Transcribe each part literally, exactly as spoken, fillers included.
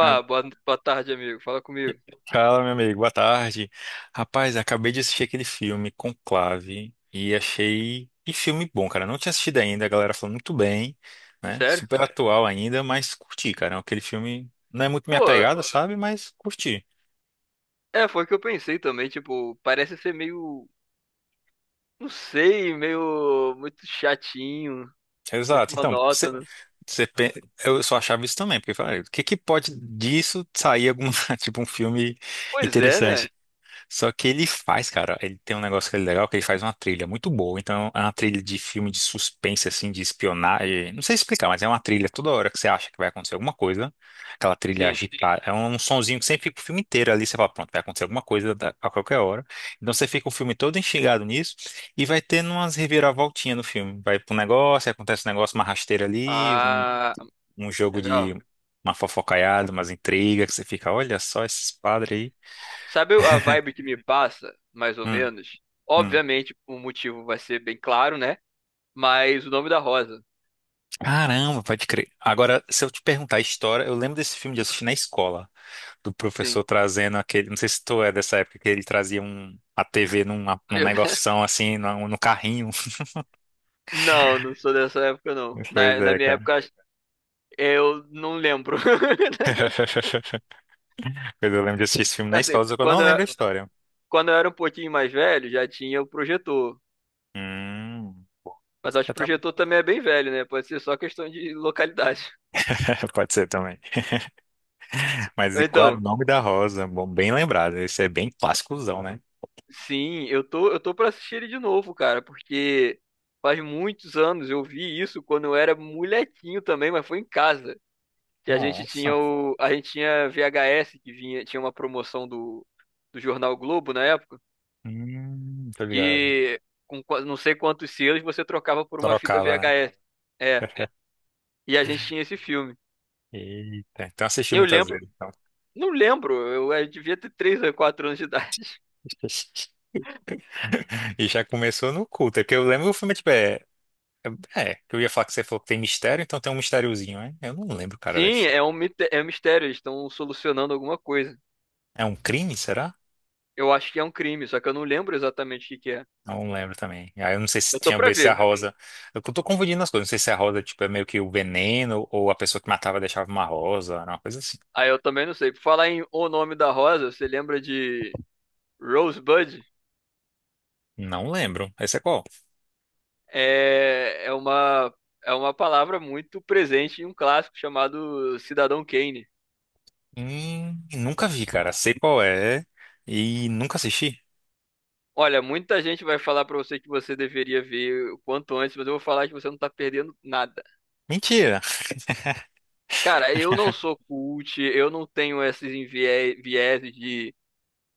Ah, boa, boa tarde, amigo. Fala comigo. fala, meu amigo, boa tarde. Rapaz, acabei de assistir aquele filme Conclave e achei que filme bom, cara. Não tinha assistido ainda, a galera falou muito bem, né? Sério? Super atual ainda, mas curti, cara. Aquele filme não é muito Pô, minha pegada, sabe? Mas curti. é, foi o que eu pensei também, tipo, parece ser meio, não sei, meio muito chatinho, muito Exato. Então, você, monótono. você, pen- eu só achava isso também, porque eu falei, "Ah, o que que pode disso sair alguma, tipo um filme Pois é, né? interessante?" Só que ele faz, cara, ele tem um negócio que é legal, que ele faz uma trilha muito boa. Então, é uma trilha de filme de suspense, assim, de espionagem. Não sei explicar, mas é uma trilha toda hora que você acha que vai acontecer alguma coisa. Aquela trilha Sim. agitada. É um sonzinho que sempre fica o filme inteiro ali. Você fala, pronto, vai acontecer alguma coisa da- a qualquer hora. Então, você fica o filme todo instigado nisso. E vai tendo umas reviravoltinhas no filme. Vai pro negócio, aí acontece um negócio, uma rasteira ali, um, Ah, um jogo de legal. uma fofocaiada, umas intrigas, que você fica, olha só esses padres aí. Sabe a vibe que me passa, mais ou Hum. menos? Hum. Obviamente, o motivo vai ser bem claro, né? Mas o nome da rosa. Caramba, pode crer. Agora, se eu te perguntar a história, eu lembro desse filme de assistir na escola, do Sim. professor trazendo aquele. Não sei se tu é dessa época que ele trazia um, a T V numa, num Eu- negoção assim, no, no carrinho. Não, não sou dessa época, não. Pois Na, na é, minha cara. época, eu não lembro. Pois eu lembro de assistir esse filme na Assim, escola, só que eu não quando lembro eu, a história. quando eu era um pouquinho mais velho, já tinha o projetor. Hum. Mas acho que Já o tá- projetor também é bem velho, né? Pode ser só questão de localidade. pode ser também. Mas e qual era o Então, nome da rosa? Bom, bem lembrado. Esse é bem clássicozão, né? sim, eu tô, eu tô pra assistir ele de novo, cara, porque faz muitos anos eu vi isso quando eu era molequinho também, mas foi em casa. Que a gente Nossa. tinha o, a gente tinha V H S que vinha, tinha uma promoção do, do Jornal Globo na época, Hum, tô ligado. que com qua- não sei quantos selos você trocava por uma fita Trocava, né? V H S. É, e a gente tinha esse filme. Eita, então assisti Eu muitas lembro, vezes. Então. Não lembro, eu, eu devia ter três ou quatro anos de idade. E já começou no culto. É porque eu lembro que o filme, tipo, é. É, é, que eu ia falar que você falou que tem mistério, então tem um mistériozinho, né? Eu não lembro, cara, da Sim, é história. um, mite- é um mistério, eles estão solucionando alguma coisa. É um crime, será? Eu acho que é um crime, só que eu não lembro exatamente o que que é. Não lembro também. Aí eu não sei se Eu tô tinha a pra ver se a ver. Rosa. Eu tô confundindo as coisas. Não sei se a Rosa, tipo, é meio que o veneno, ou a pessoa que matava deixava uma rosa, era uma coisa assim. Aí eu também não sei. Por falar em O Nome da Rosa, você lembra de Rosebud? Não lembro. Esse é qual? É, é uma, é uma palavra muito presente em um clássico chamado Cidadão Kane. Hum, nunca vi, cara. Sei qual é. E nunca assisti. Olha, muita gente vai falar pra você que você deveria ver o quanto antes, mas eu vou falar que você não tá perdendo nada. Mentira. Cara, eu não sou cult, eu não tenho esses envie- vieses de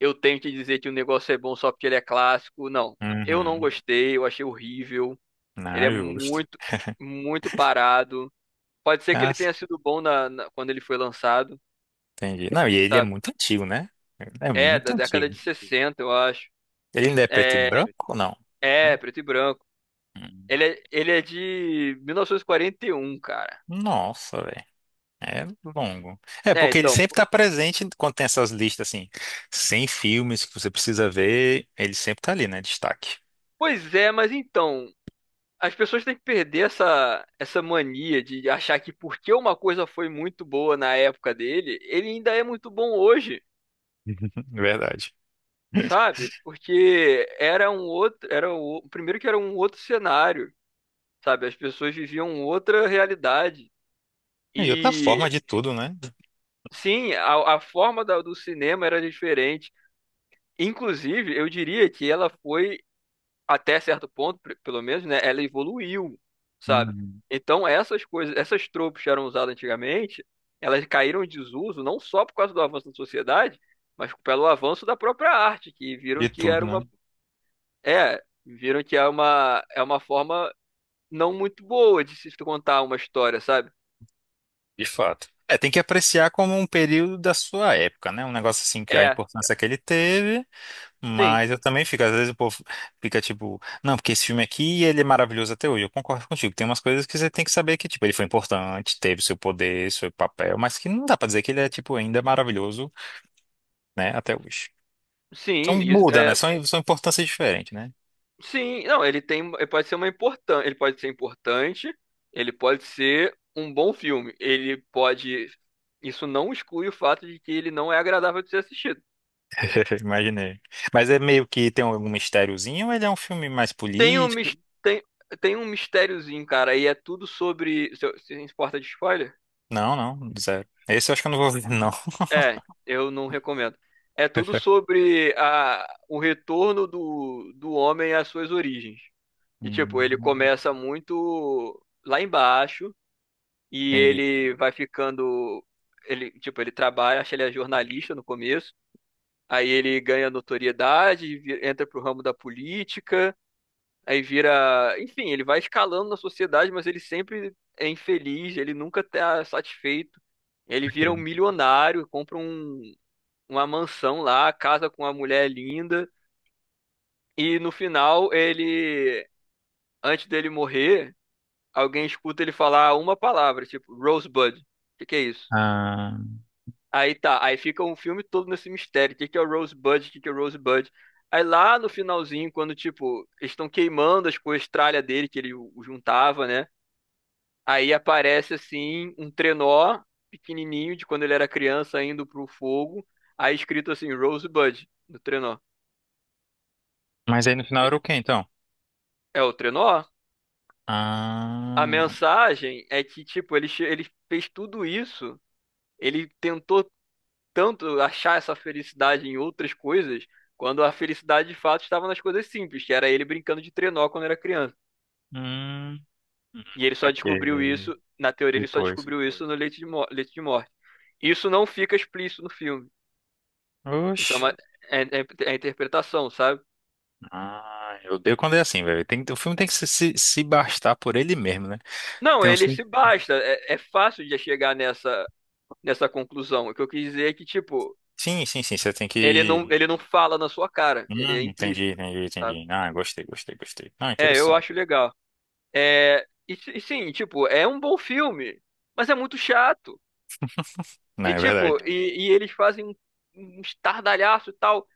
eu tenho que dizer que o negócio é bom só porque ele é clássico. Não, eu não Uhum. gostei, eu achei horrível. Não, Ele é é justo. muito, muito parado. Pode ser que ele tenha sido bom na, na- quando ele foi lançado, Entendi. Não, e ele é sabe? muito antigo, né? Ele é É, muito da década antigo. de sessenta eu acho. Ele ainda é preto e É, branco ou não? é, Né? preto e branco. Hum. Ele é, ele é de mil novecentos e e quarenta e um cara. Nossa, velho. É longo. É, É, porque ele então. sempre É, tá presente quando tem essas listas, assim, cem filmes que você precisa ver, ele sempre tá ali, né? Destaque. Pois é, mas então. As pessoas têm que perder essa, essa mania de achar que porque uma coisa foi muito boa na época dele, ele ainda é muito bom hoje, Verdade. sabe? Porque era um outro, era o primeiro que era um outro cenário, sabe? As pessoas viviam outra realidade. É, e outra E forma de tudo, né? sim, a, a forma da- do cinema era diferente. Inclusive, eu diria que ela foi até certo ponto, pe- pelo menos, né, ela evoluiu, sabe? Uhum. Então essas coisas, essas tropas que eram usadas antigamente, elas caíram em desuso não só por causa do avanço da sociedade, mas pelo avanço da própria arte, que viram De que era tudo, né? uma é, viram que é uma é uma forma não muito boa de se contar uma história, sabe? De fato. É, tem que apreciar como um período da sua época, né? Um negócio assim que a É, importância que ele teve. sim. Mas eu também fico, às vezes o povo fica tipo, não, porque esse filme aqui ele é maravilhoso até hoje. Eu concordo contigo. Tem umas coisas que você tem que saber que, tipo, ele foi importante, teve seu poder, seu papel, mas que não dá pra dizer que ele é, tipo, ainda maravilhoso, né, até hoje. Então Sim, isso, muda, né? é, São, são importâncias diferentes, né? Sim, não, ele tem, ele pode ser uma importante, ele pode ser importante, ele pode ser um bom filme, ele pode, isso não exclui o fato de que ele não é agradável de ser assistido. Imaginei. Mas é meio que tem algum mistériozinho, ou ele é um filme mais Tem um, político? mis- tem, tem um mistériozinho, cara, e é tudo sobre, se se importa de spoiler? Não, não, zero. Esse eu acho que eu não vou ver, não. É, eu não recomendo. É tudo sobre a, o retorno do, do homem às suas origens. E, tipo, Hum, ele começa muito lá embaixo, e entendi. ele vai ficando. Ele, tipo, ele trabalha, acho que ele é jornalista no começo. Aí ele ganha notoriedade, vi- entra pro ramo da política, aí vira. Enfim, ele vai escalando na sociedade, mas ele sempre é infeliz, ele nunca tá satisfeito. Ele vira um Ok. milionário, compra um, uma mansão lá, casa com uma mulher linda. E no final, ele. Antes dele morrer, alguém escuta ele falar uma palavra, tipo, Rosebud. O que que é isso? Ah, Aí tá, aí fica um filme todo nesse mistério. O que que é o Rosebud? O que que é o Rosebud? Aí lá no finalzinho, quando, tipo, eles estão queimando as coisas tralha dele, que ele o- o juntava, né? Aí aparece, assim, um trenó pequenininho, de quando ele era criança, indo pro fogo. Aí escrito assim, Rosebud, no trenó. mas aí no final era o quê, então? É o trenó? A Ah. mensagem é que, tipo, ele, che- ele fez tudo isso. Ele tentou tanto achar essa felicidade em outras coisas, quando a felicidade de fato estava nas coisas simples, que era ele brincando de trenó quando era criança. Hum, E ele só descobriu saquei. isso, na teoria, ele só Depois. descobriu isso no Leite de, Mo- Leite de Morte. Isso não fica explícito no filme. Isso é Oxi. uma é, é- é interpretação, sabe? Ah, eu odeio quando é assim, velho. Tem, que- o filme tem que se, se, se bastar por ele mesmo, né? Não, Tem uns ele se filmes. basta. É, é fácil de chegar nessa, nessa conclusão. O que eu quis dizer é que, tipo, Sim, sim, sim. Você tem ele que. não, ele não Uhum. fala na sua cara, ele é Hum, entendi, implícito. entendi, Sabe? entendi. Ah, gostei, gostei, gostei. Ah, É, eu interessante. acho legal. É, e, e sim, tipo, é um bom filme, mas é muito chato. Não, E é verdade. tipo, e, e eles fazem um, um estardalhaço e tal.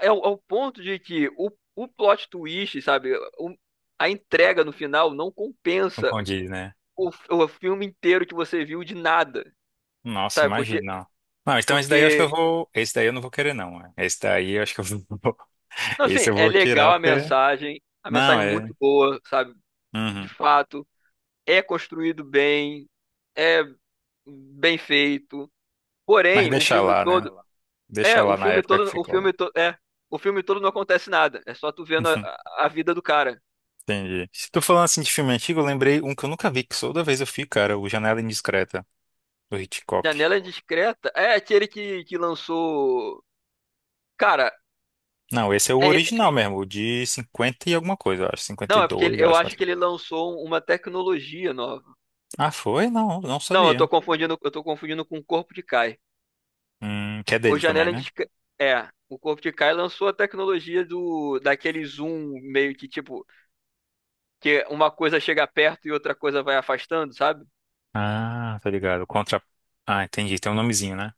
É, o- ao ponto de que o, o plot twist, sabe? o- a entrega no final não Não compensa condiz, né? o, o filme inteiro que você viu de nada, Nossa, sabe? imagina. Porque, não. Não, então esse daí eu acho que eu porque, vou. Esse daí eu não vou querer, não. Né? Esse daí eu acho que eu vou. não, assim, Esse eu é vou legal tirar, a porque. mensagem, a Não, mensagem é é. muito boa, sabe? De Uhum. fato, é construído bem, é bem feito. Mas Porém, o deixa filme lá, né? todo É, Deixa o lá na filme época que todo, o ficou, né? filme todo, é, o filme todo não acontece nada. É só tu vendo a, a a vida do cara. Entendi. Se tu falando assim de filme antigo, eu lembrei um que eu nunca vi, que toda vez eu fico, cara, o Janela Indiscreta, do Hitchcock. Janela Indiscreta é aquele que, que lançou. Cara, Não, esse é o é- original mesmo, o de cinquenta e alguma coisa, eu acho, não, é porque cinquenta e dois, ele- eu eu acho. acho que ele lançou uma tecnologia nova. Ah, foi? Não, não Não, eu tô sabia. confundindo, eu tô confundindo com o Corpo de Kai. Hum, que é O dele também, Janela né? Indiscreta. É, o Corpo de Kai lançou a tecnologia do daquele zoom meio que tipo, que uma coisa chega perto e outra coisa vai afastando, sabe? Ah, tá ligado. Contra... Ah, entendi, tem um nomezinho, né?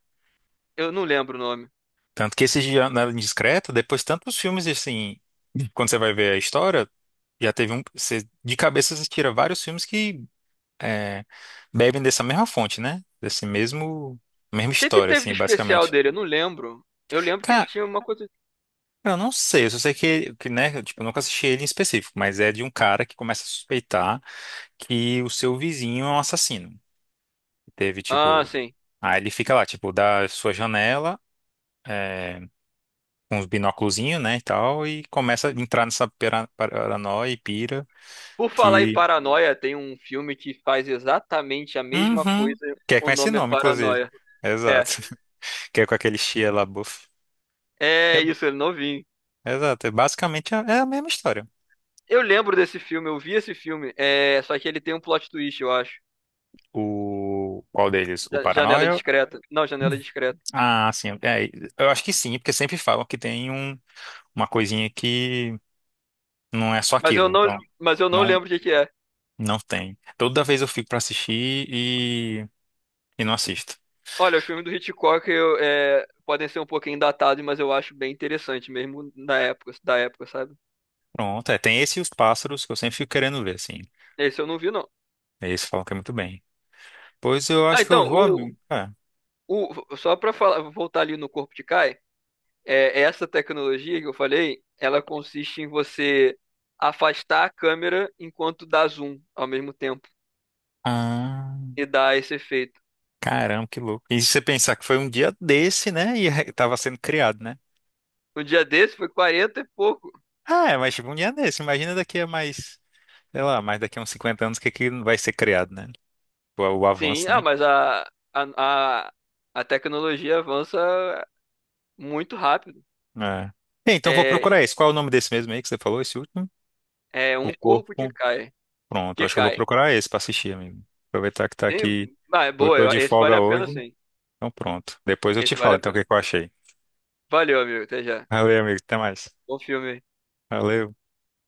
Eu não lembro o nome. Tanto que esse Janela Indiscreta, depois tantos filmes, assim, quando você vai ver a história, já teve um... Você, de cabeça, você tira vários filmes que é, bebem dessa mesma fonte, né? Desse mesmo, mesma O que que história, teve de assim, especial basicamente. dele? Eu não lembro. Eu lembro que ele Cara, tinha uma coisa. eu não sei, eu só sei que, que, né, eu, tipo, eu nunca assisti ele em específico, mas é de um cara que começa a suspeitar que o seu vizinho é um assassino. Teve, Ah, tipo, sim. aí ele fica lá, tipo, da sua janela, é, com os binóculozinhos, né, e tal, e começa a entrar nessa pera- paranoia e pira Por falar em que, Paranoia, tem um filme que faz exatamente a mesma uhum, coisa. que é com O esse nome é nome, inclusive. Paranoia. É. Exato. Que é com aquele Shia LaBeouf. É isso, ele novinho. Exato. É. Basicamente é é a mesma história. Eu lembro desse filme, eu vi esse filme. É, só que ele tem um plot twist, eu acho. O qual deles? O Da- Janela Paranoia? discreta. Não, janela discreta. Ah, sim. É, eu acho que sim, porque sempre falam que tem um, uma coisinha que não é só Mas eu aquilo. não, Então, mas eu não não, lembro o que que é. não tem. Toda vez eu fico pra assistir e, e não assisto. Olha, o filme do Hitchcock eu, é, podem ser um pouquinho datados, mas eu acho bem interessante mesmo na época, da época, sabe? Pronto, é. Tem esse e os pássaros que eu sempre fico querendo ver, assim. Esse eu não vi, não. Esse falam que é muito bem. Pois eu Ah, acho que então, eu vou, o, amigo. É. o- só para falar, voltar ali no corpo de Kai, é, essa tecnologia que eu falei, ela consiste em você afastar a câmera enquanto dá zoom ao mesmo tempo Ah, e dá esse efeito. caramba, que louco. E se você pensar que foi um dia desse, né? E tava sendo criado, né? No dia desse foi quarenta e pouco. Ah, é, mas tipo, um dia desse. Imagina daqui a mais, sei lá, mais daqui a uns cinquenta anos o que que vai ser criado, né? O, o Sim, avanço, ah, né? mas a, a, a, a tecnologia avança muito rápido. É. Bem, então vou É, procurar esse. Qual é o nome desse mesmo aí que você falou, esse último? é O um corpo que Corpo. cai, Pronto, que acho que eu vou cai. procurar esse pra assistir, amigo. Aproveitar que tá Sim, aqui. ah, é Eu boa, tô eu- de esse vale folga a pena hoje. sim. Então pronto. Depois eu te Esse vale falo a então o pena. que que eu achei. Valeu, amigo, até já. Valeu, amigo. Até mais. Bom filme. Aí. Valeu.